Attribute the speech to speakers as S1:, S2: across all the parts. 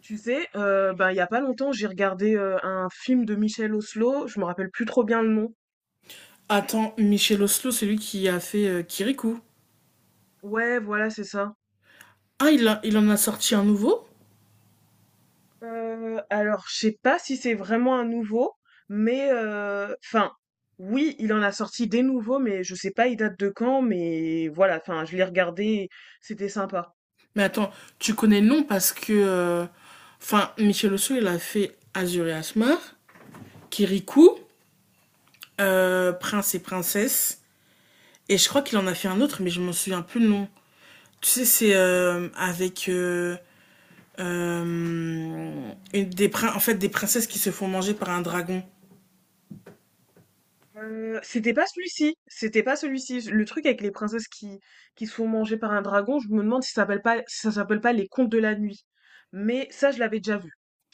S1: Tu sais, ben, il y a pas longtemps, j'ai regardé un film de Michel Oslo, je me rappelle plus trop bien le nom.
S2: Attends, Michel Oslo, c'est lui qui a fait Kirikou.
S1: Ouais, voilà, c'est ça.
S2: Ah, il en a sorti un nouveau?
S1: Alors, je sais pas si c'est vraiment un nouveau, mais enfin, oui, il en a sorti des nouveaux, mais je sais pas, il date de quand, mais voilà, enfin, je l'ai regardé, c'était sympa.
S2: Mais attends, tu connais le nom parce que. Enfin, Michel Oslo, il a fait Azur et Asmar, Kirikou, Prince et Princesse. Et je crois qu'il en a fait un autre, mais je m'en souviens plus le nom. Tu sais, c'est avec. euh, en fait, des princesses qui se font manger par un dragon.
S1: C'était pas celui-ci, c'était pas celui-ci. Le truc avec les princesses qui se font manger par un dragon, je me demande si ça s'appelle pas, si ça s'appelle pas les Contes de la Nuit. Mais ça, je l'avais déjà vu.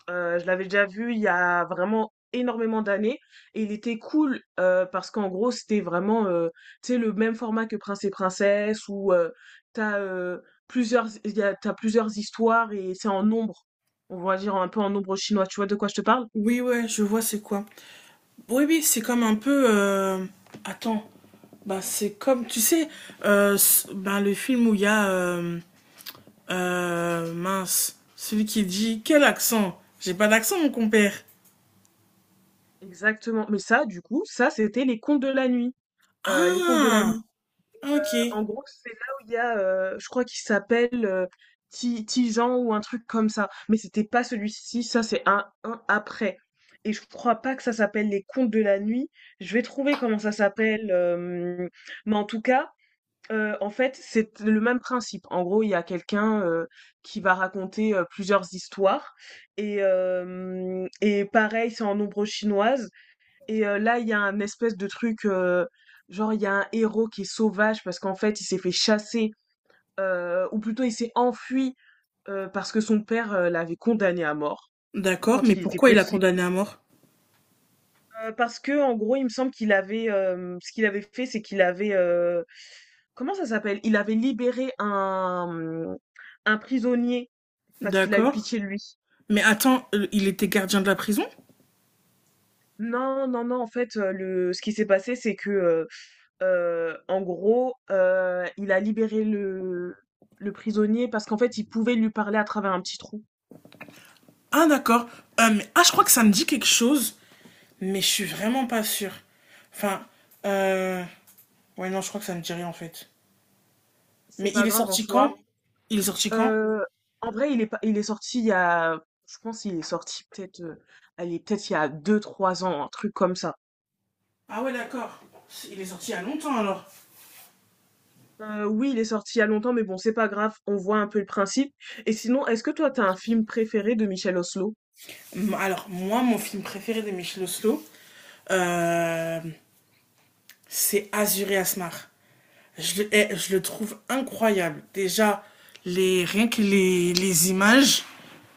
S1: Je l'avais déjà vu il y a vraiment énormément d'années et il était cool parce qu'en gros c'était vraiment tu sais, le même format que Prince et Princesse où t'as plusieurs t'as plusieurs histoires et c'est en nombre, on va dire un peu en nombre chinois. Tu vois de quoi je te parle?
S2: Oui, ouais, je vois c'est quoi. Oui, oui, c'est comme un peu. Attends, bah, c'est comme, tu sais, ben, le film où il y a. Mince, celui qui dit: « Quel accent? J'ai pas d'accent, mon compère. »
S1: Exactement, mais ça, du coup, ça c'était les Contes de la Nuit. Les Contes de la
S2: Ah,
S1: Nuit.
S2: ok.
S1: En gros, c'est là où il y a, je crois qu'il s'appelle, Ti Tijan ou un truc comme ça, mais c'était pas celui-ci, ça c'est un après et je crois pas que ça s'appelle Les Contes de la Nuit. Je vais trouver comment ça s'appelle, mais en tout cas, en fait, c'est le même principe. En gros, il y a quelqu'un, qui va raconter, plusieurs histoires et hem et pareil, c'est en ombre chinoise et là, il y a un espèce de truc, genre il y a un héros qui est sauvage parce qu'en fait il s'est fait chasser, ou plutôt il s'est enfui, parce que son père, l'avait condamné à mort
S2: D'accord, mais
S1: quand il était
S2: pourquoi il a
S1: petit.
S2: condamné à mort?
S1: Parce que, en gros, il me semble qu'il avait, ce qu'il avait fait, c'est qu'il avait, comment ça s'appelle? Il avait libéré un prisonnier parce qu'il a eu
S2: D'accord.
S1: pitié de lui.
S2: Mais attends, il était gardien de la prison?
S1: Non, non, non, en fait, le ce qui s'est passé, c'est que, en gros, il a libéré le prisonnier parce qu'en fait, il pouvait lui parler à travers un petit trou.
S2: Ah, d'accord. Ah, je crois que ça me dit quelque chose, mais je suis vraiment pas sûre. Enfin, euh... ouais, non, je crois que ça me dit rien en fait.
S1: C'est
S2: Mais
S1: pas
S2: il est
S1: grave en
S2: sorti
S1: soi.
S2: quand? Il est sorti quand?
S1: Heu, En vrai, il est pas il est sorti il y a, je pense il est sorti peut-être, allez, peut-être il y a deux, trois ans, un truc comme ça.
S2: Ah ouais, d'accord. Il est sorti il y a longtemps alors.
S1: Oui, il est sorti il y a longtemps, mais bon, c'est pas grave, on voit un peu le principe. Et sinon, est-ce que toi, t'as un film préféré de Michel Oslo?
S2: Alors, moi, mon film préféré de Michel Oslo, euh, c'est Azur et Asmar. Je le trouve incroyable. Déjà, rien que les images.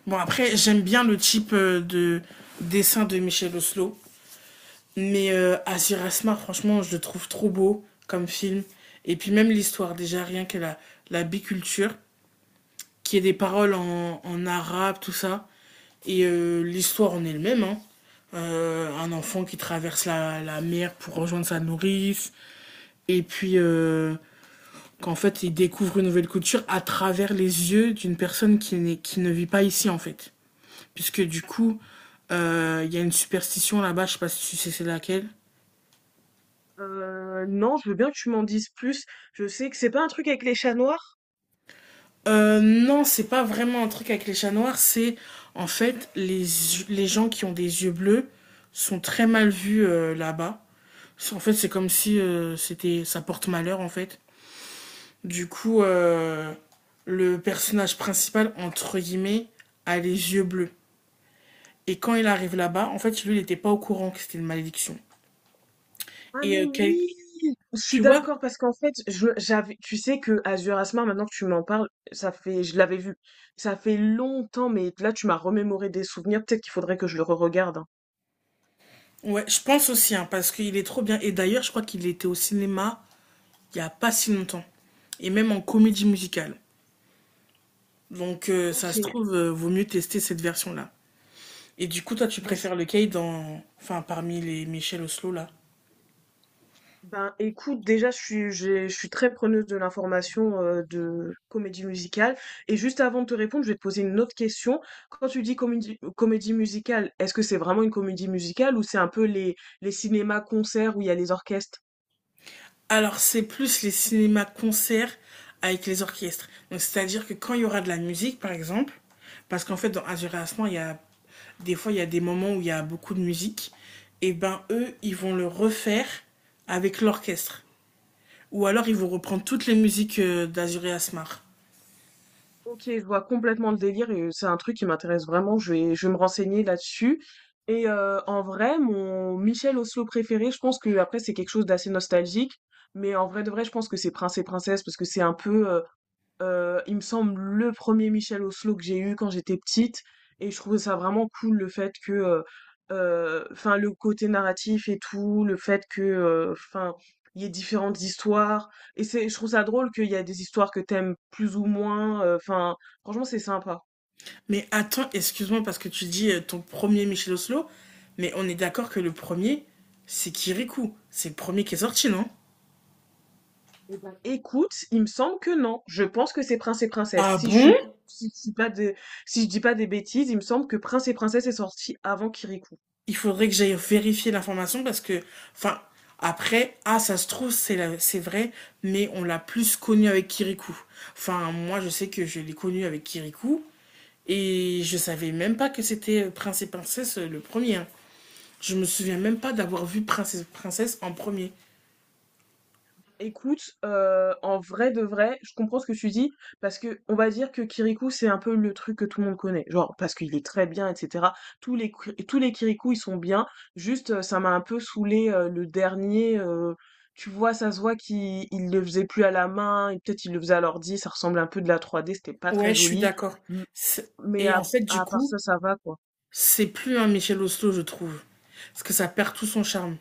S2: Bon, après, j'aime bien le type de dessin de Michel Oslo. Mais Azir Asmar, franchement, je le trouve trop beau comme film. Et puis même l'histoire, déjà, rien que la biculture, qu'il y ait des paroles en arabe, tout ça. Et l'histoire en elle-même, hein. Un enfant qui traverse la mer pour rejoindre sa nourrice, et puis qu'en fait il découvre une nouvelle culture à travers les yeux d'une personne qui ne vit pas ici en fait. Puisque du coup, il y a une superstition là-bas, je sais pas si tu sais c'est laquelle.
S1: Non, je veux bien que tu m'en dises plus. Je sais que c'est pas un truc avec les chats noirs?
S2: Non, c'est pas vraiment un truc avec les chats noirs, c'est en fait les gens qui ont des yeux bleus sont très mal vus là-bas. En fait, c'est comme si c'était, ça porte malheur en fait. Du coup, le personnage principal entre guillemets a les yeux bleus. Et quand il arrive là-bas, en fait, lui, il n'était pas au courant que c'était une malédiction.
S1: Ah
S2: Et
S1: mais oui! Je suis
S2: tu vois,
S1: d'accord parce qu'en fait, je j'avais, tu sais, que Azur Asmar, maintenant que tu m'en parles, ça fait, je l'avais vu. Ça fait longtemps, mais là tu m'as remémoré des souvenirs, peut-être qu'il faudrait que je le re-regarde, hein.
S2: ouais, je pense aussi hein, parce qu'il est trop bien. Et d'ailleurs, je crois qu'il était au cinéma il y a pas si longtemps et même en comédie musicale. Donc ça
S1: OK.
S2: se trouve, vaut mieux tester cette version-là. Et du coup, toi, tu
S1: Ben, c-
S2: préfères lequel dans... enfin, parmi les Michel Oslo, là?
S1: ben, écoute, déjà je suis très preneuse de l'information de comédie musicale et juste avant de te répondre, je vais te poser une autre question. Quand tu dis comédie musicale, est-ce que c'est vraiment une comédie musicale ou c'est un peu les cinémas concerts où il y a les orchestres?
S2: Alors, c'est plus les cinémas-concerts avec les orchestres. Donc, c'est-à-dire que quand il y aura de la musique, par exemple, parce qu'en fait, dans Azur et Asman, il y a... des fois, il y a des moments où il y a beaucoup de musique, et ben, eux, ils vont le refaire avec l'orchestre. Ou alors, ils vont reprendre toutes les musiques d'Azur et Asmar.
S1: OK, je vois complètement le délire et c'est un truc qui m'intéresse vraiment, je vais me renseigner là-dessus et en vrai, mon Michel Oslo préféré, je pense que, après, c'est quelque chose d'assez nostalgique, mais en vrai de vrai, je pense que c'est Prince et Princesse parce que c'est un peu, il me semble le premier Michel Oslo que j'ai eu quand j'étais petite et je trouvais ça vraiment cool, le fait que, enfin, le côté narratif et tout, le fait que, enfin, il y ait différentes histoires et c'est, je trouve ça drôle qu'il y a des histoires que t'aimes plus ou moins, enfin, franchement c'est sympa.
S2: Mais attends, excuse-moi parce que tu dis ton premier Michel Oslo, mais on est d'accord que le premier, c'est Kirikou. C'est le premier qui est sorti, non?
S1: Eh ben écoute, il me semble que non. Je pense que c'est Prince et Princesse.
S2: Ah bon?
S1: Si je dis pas de si je dis pas des bêtises, il me semble que Prince et Princesse est sorti avant Kirikou.
S2: Il faudrait que j'aille vérifier l'information parce que, enfin, après, ah, ça se trouve, c'est vrai, mais on l'a plus connu avec Kirikou. Enfin, moi, je sais que je l'ai connu avec Kirikou et je savais même pas que c'était Prince et Princesse le premier, hein. Je me souviens même pas d'avoir vu Prince et Princesse en premier.
S1: Écoute, en vrai de vrai, je comprends ce que tu dis, parce que on va dire que Kirikou, c'est un peu le truc que tout le monde connaît. Genre, parce qu'il est très bien, et cetera. Tous les Kirikou, ils sont bien. Juste, ça m'a un peu saoulé, le dernier, tu vois, ça se voit qu'il il le faisait plus à la main et peut-être il le faisait à l'ordi, ça ressemble un peu de la 3D, c'était pas très
S2: Ouais, je suis
S1: joli.
S2: d'accord.
S1: M Mais
S2: Et
S1: à
S2: en fait, du
S1: à part
S2: coup,
S1: ça, ça va, quoi.
S2: c'est plus un Michel Oslo, je trouve. Parce que ça perd tout son charme.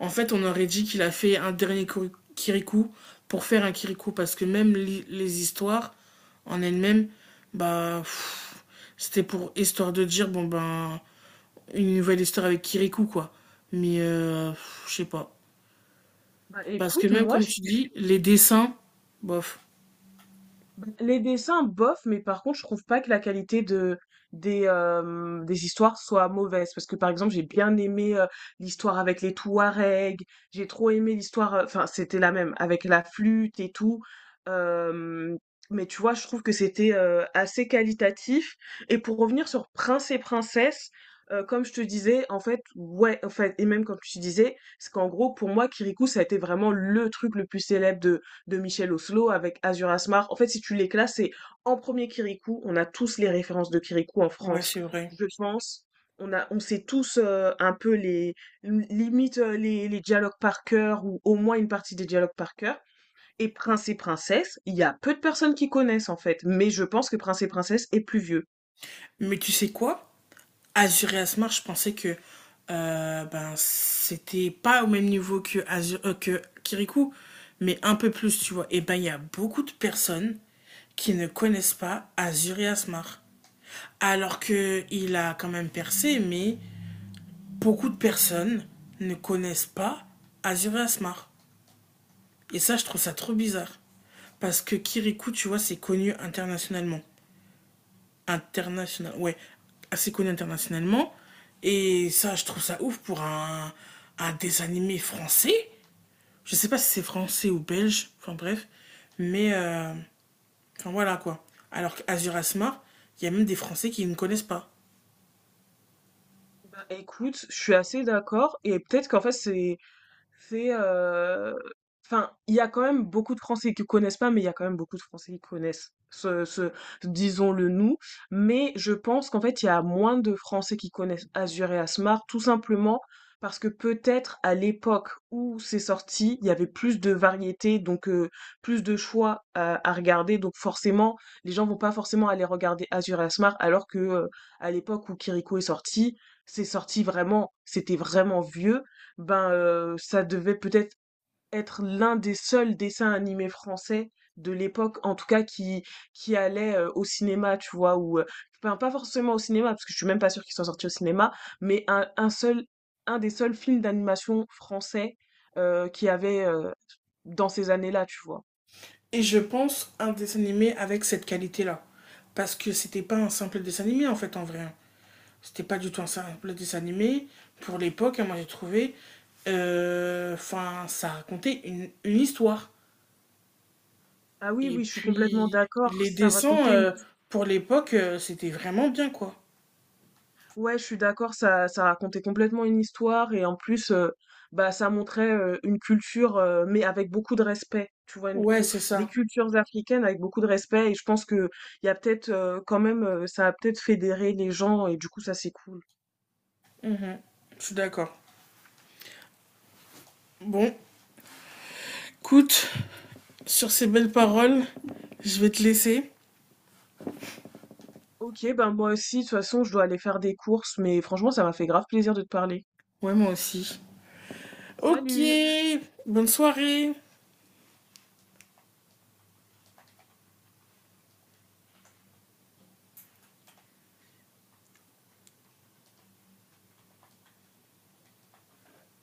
S2: En fait, on aurait dit qu'il a fait un Kirikou pour faire un Kirikou. Parce que les histoires en elles-mêmes, bah, pff, c'était pour histoire de dire, bon, ben, une nouvelle histoire avec Kirikou, quoi. Mais, pff, je sais pas.
S1: Bah,
S2: Parce que
S1: écoute,
S2: même
S1: moi,
S2: comme
S1: je…
S2: tu dis, les dessins, bof.
S1: Bah, les dessins, bof, mais par contre, je trouve pas que la qualité de des histoires soit mauvaise, parce que par exemple, j'ai bien aimé l'histoire avec les Touaregs, j'ai trop aimé l'histoire, enfin, c'était la même avec la flûte et tout. euh, mais tu vois, je trouve que c'était assez qualitatif, et pour revenir sur Prince et Princesse, comme je te disais, en fait, ouais, en fait, et même comme tu disais, c'est qu'en gros, pour moi, Kirikou, ça a été vraiment le truc le plus célèbre de Michel Oslo avec Azur Asmar. En fait, si tu les classes, c'est en premier Kirikou. On a tous les références de Kirikou en
S2: Ouais,
S1: France,
S2: c'est vrai.
S1: je pense. On sait tous, un peu les dialogues par cœur, ou au moins une partie des dialogues par cœur. Et Prince et Princesse, il y a peu de personnes qui connaissent en fait, mais je pense que Prince et Princesse est plus vieux.
S2: Mais tu sais quoi? Azure et Asmar, je pensais que ben, c'était pas au même niveau que, que Kirikou, mais un peu plus, tu vois. Et ben, il y a beaucoup de personnes qui ne connaissent pas Azure et Asmar. Alors que il a quand même percé, mais beaucoup de personnes ne connaissent pas Azure et Asmar. Et ça, je trouve ça trop bizarre. Parce que Kirikou, tu vois, c'est connu internationalement, international, ouais, assez connu internationalement. Et ça, je trouve ça ouf pour un dessin animé français. Je sais pas si c'est français ou belge, enfin bref. Mais, enfin voilà quoi. Alors qu'Azur Asmar, il y a même des Français qui ne connaissent pas.
S1: Bah écoute, je suis assez d'accord et peut-être qu'en fait C'est, heu, enfin, il y a quand même beaucoup de Français qui connaissent pas, mais il y a quand même beaucoup de Français qui connaissent ce, disons-le nous, mais je pense qu'en fait, il y a moins de Français qui connaissent Asur et Asmar, tout simplement parce que peut-être à l'époque où c'est sorti, il y avait plus de variété, donc plus de choix à regarder, donc forcément, les gens vont pas forcément aller regarder Asur et Asmar, alors que, à l'époque où Kiriko est sorti, c'était vraiment vieux, ben ça devait peut-être être l'un des seuls dessins animés français de l'époque, en tout cas qui allait au cinéma, tu vois, ou enfin, pas forcément au cinéma parce que je suis même pas sûre qu'ils soient sortis au cinéma, mais un des seuls films d'animation français, qui avait, dans ces années-là, tu vois.
S2: Et je pense un dessin animé avec cette qualité-là. Parce que c'était pas un simple dessin animé en fait en vrai, hein. C'était pas du tout un simple dessin animé. Pour l'époque, hein, moi j'ai trouvé. Enfin, ça racontait une histoire.
S1: Ah oui,
S2: Et
S1: oui, je suis complètement
S2: puis,
S1: d'accord.
S2: les
S1: Ça
S2: dessins,
S1: racontait…
S2: pour l'époque, c'était vraiment bien, quoi.
S1: Ouais, je suis d'accord, ça racontait complètement une histoire et en plus, bah, ça montrait, une culture, mais avec beaucoup de respect. Tu vois,
S2: Ouais, c'est
S1: des
S2: ça.
S1: cultures africaines avec beaucoup de respect, et je pense que il y a peut-être quand même, ça a peut-être fédéré les gens et du coup, ça c'est cool.
S2: Mhm. Je suis d'accord. Bon, écoute, sur ces belles paroles, je vais te laisser.
S1: Ok, ben moi aussi, de toute façon, je dois aller faire des courses, mais franchement, ça m'a fait grave plaisir de te parler.
S2: Ouais, moi aussi. Ok,
S1: Salut!
S2: bonne soirée.